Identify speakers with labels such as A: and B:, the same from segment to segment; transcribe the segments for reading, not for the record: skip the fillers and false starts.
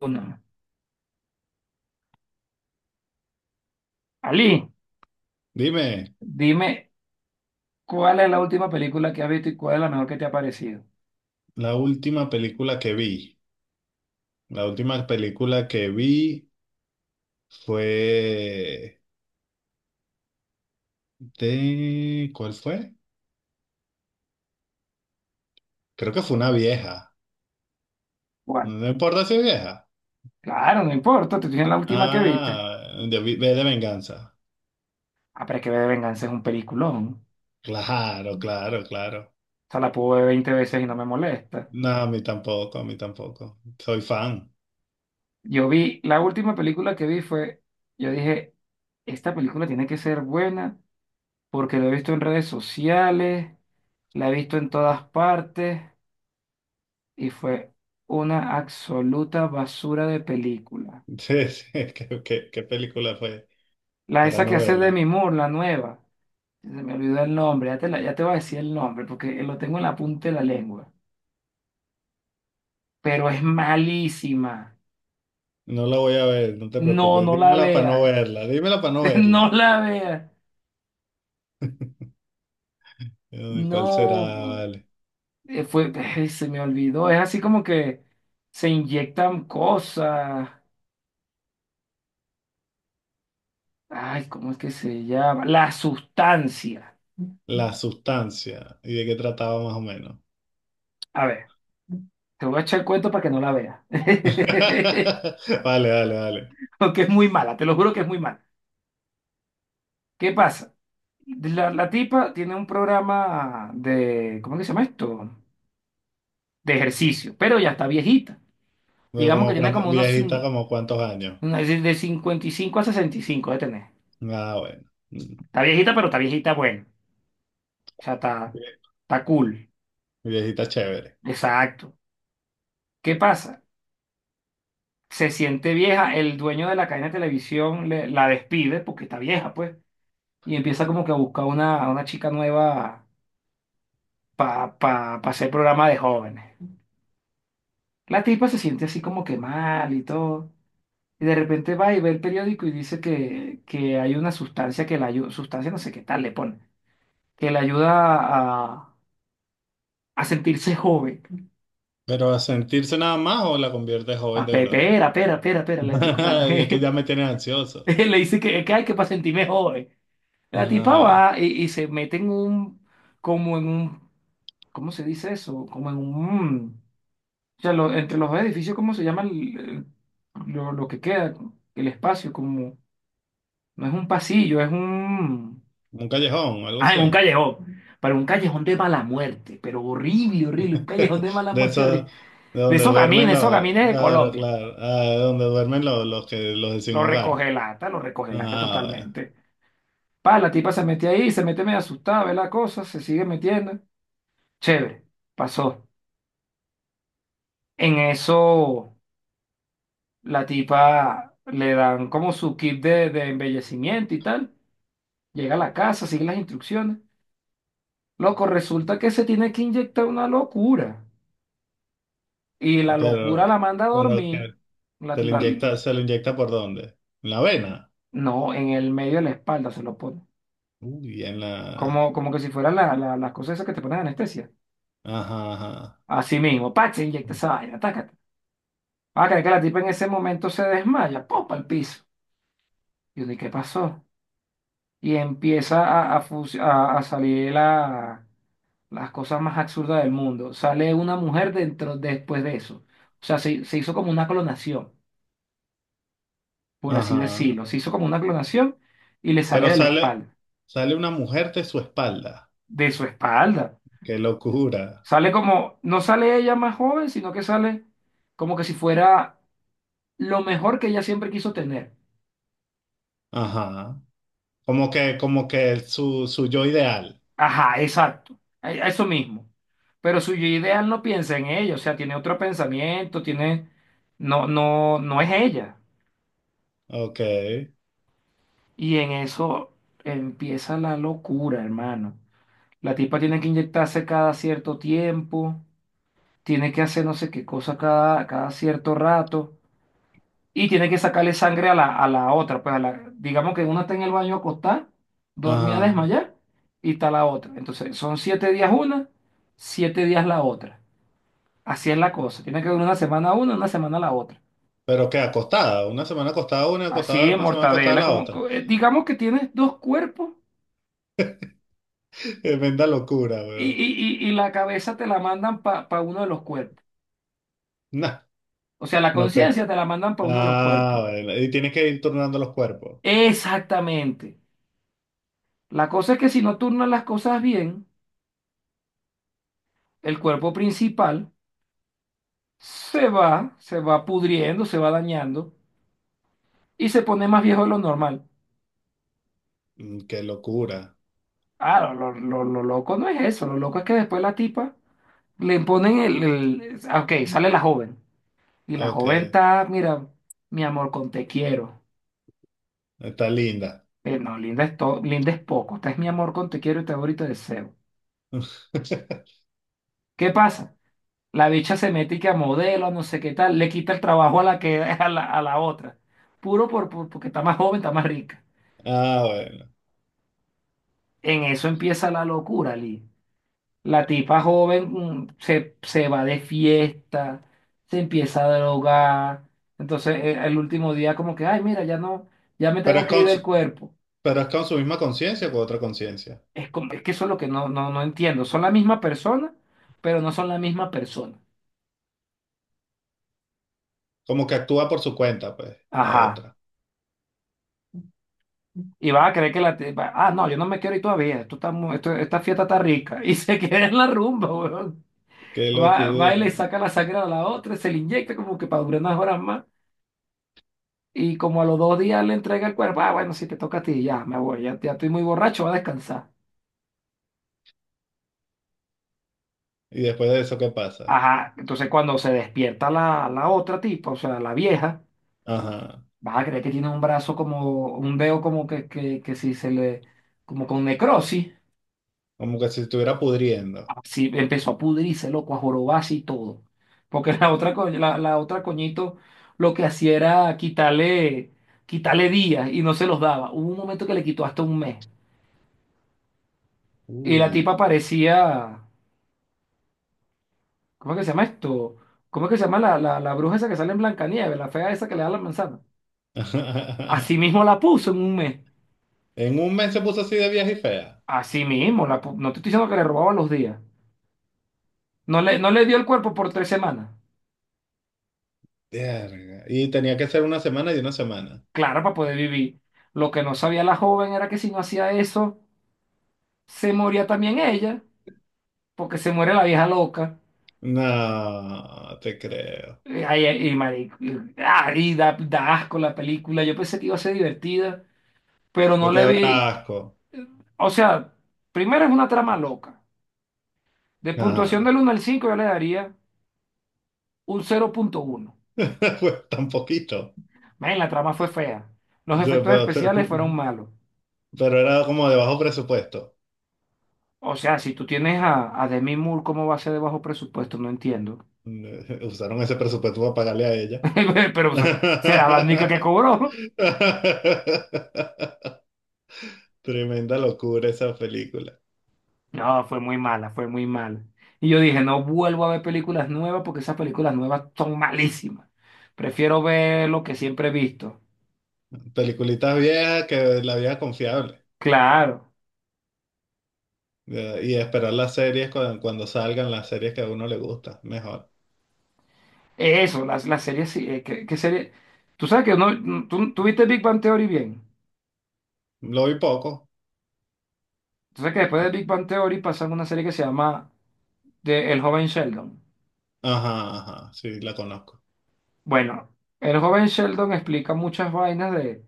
A: Una. Ali,
B: Dime,
A: dime cuál es la última película que has visto y cuál es la mejor que te ha parecido.
B: la última película que vi, la última película que vi fue de... ¿Cuál fue? Creo que fue una vieja.
A: ¿Cuál?
B: No importa si es vieja.
A: Claro, no importa, te estoy diciendo la última que viste.
B: Ah, de V de Venganza.
A: Ah, pero es que V de Venganza es un peliculón.
B: Claro, claro, claro.
A: O sea, la puedo ver 20 veces y no me molesta.
B: No, a mí tampoco, a mí tampoco. Soy fan.
A: La última película que vi fue, yo dije, esta película tiene que ser buena porque la he visto en redes sociales, la he visto en todas partes y fue una absoluta basura de película.
B: Sí, sí, ¿ qué película fue?
A: La
B: Para
A: esa que
B: no
A: hace
B: verla.
A: Demi Moore, la nueva. Se me olvidó el nombre, ya te voy a decir el nombre porque lo tengo en la punta de la lengua. Pero es malísima.
B: No la voy a ver, no te
A: No,
B: preocupes.
A: no la
B: Dímela para no
A: veas.
B: verla, dímela para no verla.
A: No la veas.
B: Uy, ¿cuál será?
A: No.
B: Vale.
A: eh, Fue, se me olvidó. Es así como que se inyectan cosas. Ay, ¿cómo es que se llama? La sustancia.
B: La sustancia. ¿Y de qué trataba más o menos?
A: A ver, te voy a echar el cuento para que no la veas.
B: Vale, vale, vale.
A: Porque es muy mala, te lo juro que es muy mala. ¿Qué pasa? La tipa tiene un programa de, ¿cómo que se llama esto? De ejercicio, pero ya está viejita.
B: Bueno,
A: Digamos que tiene como
B: Viejita, como cuántos años.
A: de 55 a 65 de tener.
B: Ah, bueno. Mm.
A: Está viejita, pero está viejita bueno. O sea, está cool.
B: Viejita chévere.
A: Exacto. ¿Qué pasa? Se siente vieja, el dueño de la cadena de televisión la despide porque está vieja, pues. Y empieza como que a buscar a una chica nueva para pa, pa pa hacer programa de jóvenes. La tipa se siente así como que mal y todo. Y de repente va y ve el periódico y dice que hay una sustancia que la ayuda, sustancia no sé qué tal le pone, que le ayuda a, a sentirse joven.
B: ¿Pero a sentirse nada más o la convierte joven de verdad?
A: Pera, pera, pera, pera, como
B: Es que
A: que
B: ya me tienes ansioso.
A: le dice que hay que para sentirme joven.
B: Ah,
A: La tipa
B: bueno.
A: va y se mete en un, como en un, ¿cómo se dice eso? Como en un, o sea, entre los dos edificios, ¿cómo se llama lo que queda? El espacio, como, no es un pasillo, es un...
B: Un callejón, algo
A: Ah, en un
B: así.
A: callejón. Pero un callejón de mala muerte. Pero horrible, horrible. Un callejón de mala
B: De
A: muerte horrible.
B: esos, de
A: De
B: donde duermen
A: esos
B: los,
A: camines de
B: claro,
A: Colombia.
B: claro. Ah, de donde duermen los de sin hogar.
A: Lo recoge lata
B: Ah, bueno.
A: totalmente. Pa, la tipa se metió ahí, se mete medio asustada, ve la cosa, se sigue metiendo. Chévere, pasó. En eso, la tipa le dan como su kit de embellecimiento y tal. Llega a la casa, sigue las instrucciones. Loco, resulta que se tiene que inyectar una locura. Y la locura
B: Pero,
A: la manda a
B: pero ok.
A: dormir. la-
B: ¿Se le
A: la-
B: inyecta, por dónde? ¿En la vena?
A: no, en el medio de la espalda se lo pone.
B: Uy, en
A: Como,
B: la...
A: como que si fueran las cosas esas que te ponen anestesia.
B: Ajá, ajá.
A: Así mismo, pa, se inyecta esa vaina, tácate. Va a que la tipa en ese momento se desmaya, popa al piso. Y yo, ¿y qué pasó? Y empieza a salir las cosas más absurdas del mundo. Sale una mujer dentro después de eso. O sea, se hizo como una clonación, por así
B: Ajá.
A: decirlo. Se hizo como una clonación y le sale
B: Pero
A: de la
B: sale,
A: espalda.
B: sale una mujer de su espalda.
A: De su espalda.
B: Qué locura.
A: Sale como, no sale ella más joven, sino que sale como que si fuera lo mejor que ella siempre quiso tener.
B: Ajá. Como que su, su yo ideal.
A: Ajá, exacto. Eso mismo. Pero su yo ideal no piensa en ella, o sea, tiene otro pensamiento, tiene, no, no, no es ella.
B: Ok.
A: Y en eso empieza la locura, hermano. La tipa tiene que inyectarse cada cierto tiempo, tiene que hacer no sé qué cosa cada cierto rato. Y tiene que sacarle sangre a la otra. Pues a la, digamos que una está en el baño acostada, dormía a
B: Ajá.
A: desmayar, y está la otra. Entonces, son 7 días una, 7 días la otra. Así es la cosa. Tiene que durar una semana la otra.
B: Pero que acostada. Una semana
A: Así,
B: acostada, una semana acostada
A: mortadela,
B: la
A: como,
B: otra.
A: digamos que tienes dos cuerpos
B: Tremenda locura,
A: y,
B: weón.
A: y, y, y la cabeza te la mandan para uno de los cuerpos.
B: Nah,
A: O sea, la
B: no te.
A: conciencia te la mandan para uno de los cuerpos.
B: Ah, bueno. Y tienes que ir turnando los cuerpos.
A: Exactamente. La cosa es que si no turnas las cosas bien, el cuerpo principal se va pudriendo, se va dañando y se pone más viejo de lo normal.
B: Mm, qué locura.
A: Ah, lo loco no es eso, lo loco es que después la tipa le ponen ah, ok, sale la joven y la
B: Ok.
A: joven está, mira, mi amor con te quiero.
B: Está linda.
A: No, linda es, linda es poco, esta es mi amor con te quiero y te adoro y te deseo. ¿Qué pasa? La bicha se mete y que a modelo, no sé qué tal, le quita el trabajo a la que, a la otra. Puro porque está más joven, está más rica.
B: Ah, bueno.
A: En eso empieza la locura, Lee. La tipa joven se va de fiesta, se empieza a drogar. Entonces, el último día como que, ay, mira, ya no, ya me
B: Pero
A: tengo
B: es
A: que ir
B: con su,
A: del cuerpo.
B: pero es con su misma conciencia o con otra conciencia.
A: Es que eso es lo que no, no, no entiendo. Son la misma persona, pero no son la misma persona.
B: Como que actúa por su cuenta, pues, la
A: Ajá.
B: otra.
A: Y vas a creer que la tipa, ah, no, yo no me quiero ir todavía. Esto está, mu- esto- esta fiesta está rica. Y se queda en la rumba, weón.
B: Qué
A: Va y le
B: locura.
A: saca la sangre a la otra, se le inyecta como que para durar unas horas más. Y como a los 2 días le entrega el cuerpo, ah, bueno, si te toca a ti, ya me voy, ya estoy muy borracho, voy a descansar.
B: Y después de eso, ¿qué pasa?
A: Ajá, entonces cuando se despierta la otra tipa, o sea, la vieja,
B: Ajá.
A: vas a creer que tiene un brazo como, un dedo como que si se le, como con necrosis,
B: Como que si estuviera pudriendo.
A: así empezó a pudrirse, loco, a jorobarse y todo. Porque la otra, la otra coñito lo que hacía era quitarle días y no se los daba. Hubo un momento que le quitó hasta un mes. Y la
B: Uy.
A: tipa parecía. ¿Cómo es que se llama esto? ¿Cómo es que se llama la bruja esa que sale en Blancanieves, la fea esa que le da la manzana? Así mismo la puso en un mes.
B: En un mes se puso así de vieja y fea.
A: Así mismo, no te estoy diciendo que le robaba los días. No le dio el cuerpo por 3 semanas.
B: Verga. Y tenía que ser una semana y una semana.
A: Claro, para poder vivir. Lo que no sabía la joven era que si no hacía eso, se moría también ella, porque se muere la vieja loca.
B: No, te creo.
A: Ay, ay, y, marico, y da asco la película. Yo pensé que iba a ser divertida, pero
B: Lo
A: no
B: que
A: le
B: da
A: vi.
B: asco.
A: O sea, primero es una trama loca. De puntuación del
B: Ajá.
A: uno al 5 yo le daría un 0,1.
B: Pues tan poquito.
A: Ven, la trama fue fea. Los efectos
B: Pero
A: especiales fueron malos.
B: pero era como de bajo presupuesto.
A: O sea, si tú tienes a Demi Moore, ¿cómo va a ser de bajo presupuesto? No entiendo.
B: Usaron ese presupuesto para pagarle a ella.
A: Pero o sea, será la única que cobró.
B: Tremenda locura esa película.
A: No, fue muy mala, fue muy mala. Y yo dije, no vuelvo a ver películas nuevas porque esas películas nuevas son malísimas. Prefiero ver lo que siempre he visto.
B: Peliculitas viejas que la vieja confiable.
A: Claro.
B: Y esperar las series cuando, cuando salgan las series que a uno le gusta. Mejor.
A: Eso, las series, sí, ¿qué serie? Tú sabes que no, tú viste Big Bang Theory bien.
B: Lo vi poco.
A: Entonces, que después de Big Bang Theory pasan una serie que se llama de El joven Sheldon.
B: Ajá, ajá. Sí, la conozco.
A: Bueno, El joven Sheldon explica muchas vainas de,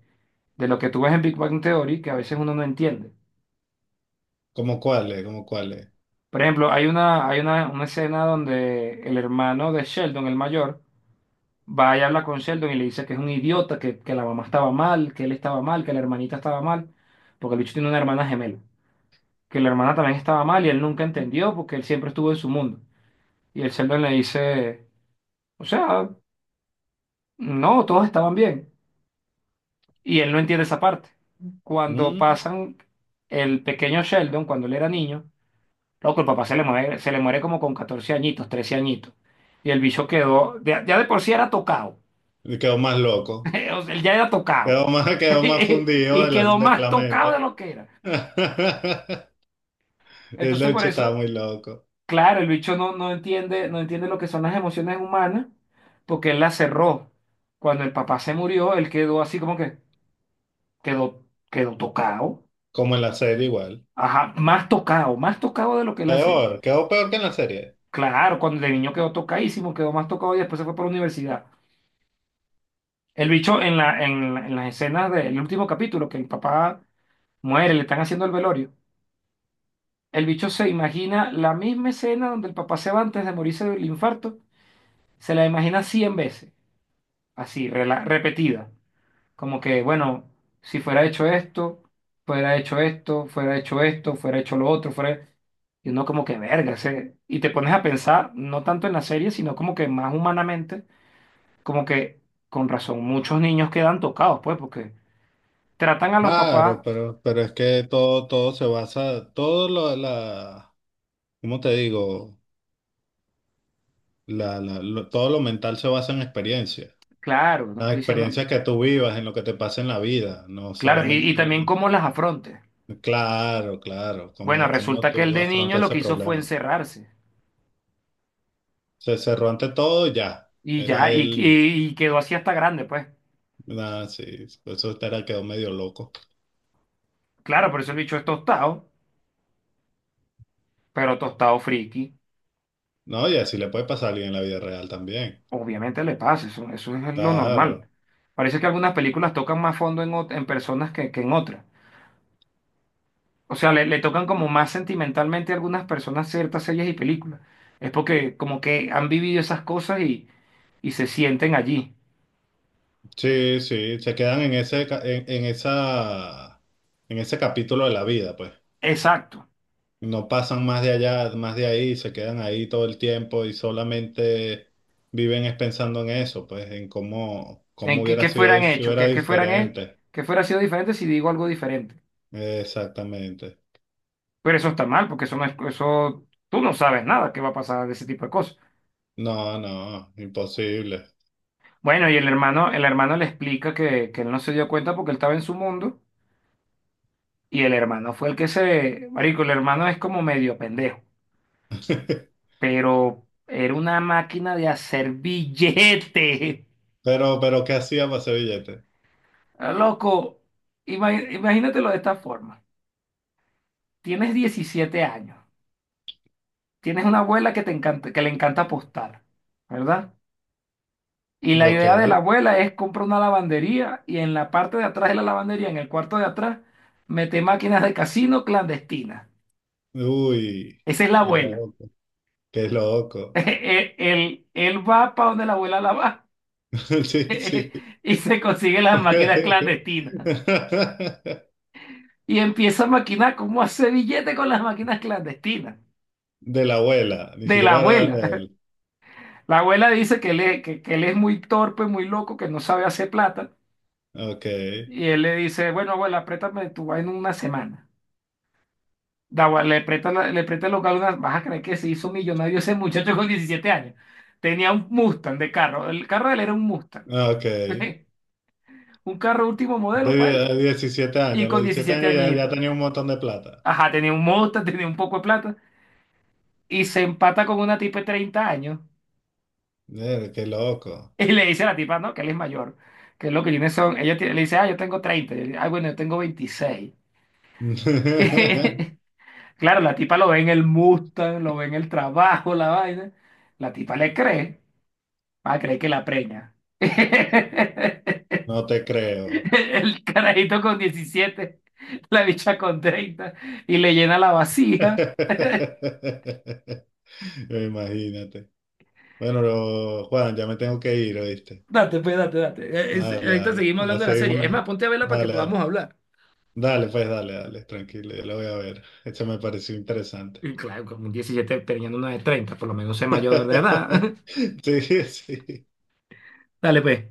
A: de lo que tú ves en Big Bang Theory que a veces uno no entiende.
B: ¿Cómo cuál es? ¿Cómo cuál es?
A: Por ejemplo, hay una escena donde el hermano de Sheldon, el mayor, va y habla con Sheldon y le dice que es un idiota, que la mamá estaba mal, que él estaba mal, que la hermanita estaba mal, porque el bicho tiene una hermana gemela, que la hermana también estaba mal y él nunca entendió porque él siempre estuvo en su mundo. Y el Sheldon le dice... O sea, no, todos estaban bien. Y él no entiende esa parte. Cuando
B: Mm,
A: pasan el pequeño Sheldon, cuando él era niño, loco, el papá se le muere como con 14 añitos, 13 añitos. Y el bicho quedó, ya de por sí era tocado.
B: quedó más loco.
A: O sea, él ya era tocado.
B: Quedó más, quedó más fundido
A: Y quedó
B: de
A: más
B: la
A: tocado de
B: mente.
A: lo que era.
B: El
A: Entonces, por
B: hecho estaba
A: eso,
B: muy loco.
A: claro, el bicho no entiende, no entiende lo que son las emociones humanas, porque él las cerró. Cuando el papá se murió, él quedó así como que quedó, quedó, tocado.
B: Como en la serie igual.
A: Ajá, más tocado de lo que es la serie.
B: Peor, quedó peor que en la serie.
A: Claro, cuando de niño quedó tocadísimo, quedó más tocado y después se fue para la universidad. El bicho en las escenas del último capítulo, que el papá muere, le están haciendo el velorio. El bicho se imagina la misma escena donde el papá se va antes de morirse del infarto, se la imagina 100 veces, así, repetida. Como que, bueno, si fuera hecho esto, fuera hecho esto, fuera hecho esto, fuera hecho lo otro, fuera. Y uno como que verga, y te pones a pensar, no tanto en la serie, sino como que más humanamente, como que con razón, muchos niños quedan tocados, pues, porque tratan a los papás,
B: Claro, pero, es que todo, todo se basa, todo lo, la, ¿cómo te digo? Todo lo mental se basa en experiencias.
A: claro, no
B: Las
A: estoy diciendo,
B: experiencias que tú vivas, en lo que te pasa en la vida, no
A: claro, y
B: solamente...
A: también cómo las afronte.
B: Claro, claro,
A: Bueno,
B: ¿cómo, cómo
A: resulta que el
B: tú
A: de niño
B: afrontas
A: lo que
B: ese
A: hizo fue
B: problema?
A: encerrarse
B: Se cerró ante todo y ya.
A: y
B: Era
A: ya, y,
B: él,
A: y- y quedó así hasta grande, pues.
B: nada, sí, por eso era, quedó medio loco.
A: Claro, por eso el bicho es tostado, pero tostado friki.
B: No, y así le puede pasar a alguien en la vida real también.
A: Obviamente le pasa, eso es lo normal.
B: Claro.
A: Parece que algunas películas tocan más fondo en personas que en otras. O sea, le tocan como más sentimentalmente a algunas personas ciertas series y películas. Es porque como que han vivido esas cosas y se sienten allí.
B: Sí, sí, se quedan en ese, en esa, en ese capítulo de la vida, pues.
A: Exacto.
B: No pasan más de allá, más de ahí, se quedan ahí todo el tiempo y solamente viven es pensando en eso, pues, en cómo,
A: En
B: cómo hubiera
A: que
B: sido
A: fueran
B: si
A: hechos,
B: hubiera
A: que fueran hechos,
B: diferente.
A: que fuera sido diferente si digo algo diferente.
B: Exactamente.
A: Pero eso está mal, porque eso no es, eso, tú no sabes nada que va a pasar de ese tipo de cosas.
B: No, no, imposible.
A: Bueno, y el hermano le explica que él no se dio cuenta porque él estaba en su mundo. Y el hermano fue el que se— Marico, el hermano es como medio pendejo, pero era una máquina de hacer billetes.
B: Pero, ¿qué hacía para ese billete?
A: Ah, loco, ima- imagínatelo de esta forma. Tienes 17 años, tienes una abuela que te encanta, que le encanta apostar, ¿verdad? Y la
B: Ok.
A: idea de la abuela es comprar una lavandería y en la parte de atrás de la lavandería, en el cuarto de atrás, mete máquinas de casino clandestinas.
B: Uy,
A: Esa es la
B: qué
A: abuela.
B: loco, qué loco.
A: Él va para donde la abuela la va.
B: Sí, sí.
A: y se consigue las máquinas clandestinas. Y empieza a maquinar cómo hace billete con las máquinas clandestinas.
B: De la abuela, ni
A: De la
B: siquiera era de
A: abuela.
B: él.
A: La abuela dice que él es muy torpe, muy loco, que no sabe hacer plata.
B: Ok,
A: Y él le dice, bueno, abuela, préstame tu vaina una semana. La abuela le presta, le presta el local una— Vas a creer que se hizo millonario ese muchacho con 17 años. Tenía un Mustang de carro. El carro de él era un Mustang.
B: ok.
A: Un carro último modelo para él.
B: Diecisiete
A: Y
B: años, los
A: con
B: 17
A: 17
B: años ya, ya
A: añitos.
B: tenía un montón de plata.
A: Ajá, tenía un Mustang, tenía un poco de plata. Y se empata con una tipa de 30 años
B: Qué loco.
A: y le dice a la tipa, no, que él es mayor, que lo que tiene son, le dice, ah, yo tengo 30 y él, ah, bueno, yo tengo 26. Claro, la tipa lo ve en el Mustang, lo ve en el trabajo, la vaina. La tipa le cree, va a creer que la preña.
B: No te creo.
A: El carajito con 17, la bicha con 30 y le llena la vacía.
B: Imagínate. Bueno, Juan, ya me tengo que ir, ¿oíste?
A: Date, pues, date, date.
B: Dale,
A: Ahorita
B: dale.
A: seguimos
B: Ah,
A: hablando de la serie. Es
B: seguimos.
A: más, ponte a verla para que
B: Dale, dale.
A: podamos hablar.
B: Dale, pues dale, dale, tranquilo, yo lo voy a ver. Esto me pareció interesante.
A: Y claro, como un 17 teniendo una de 30, por lo menos es mayor de edad.
B: Sí, sí.
A: Dale, pues.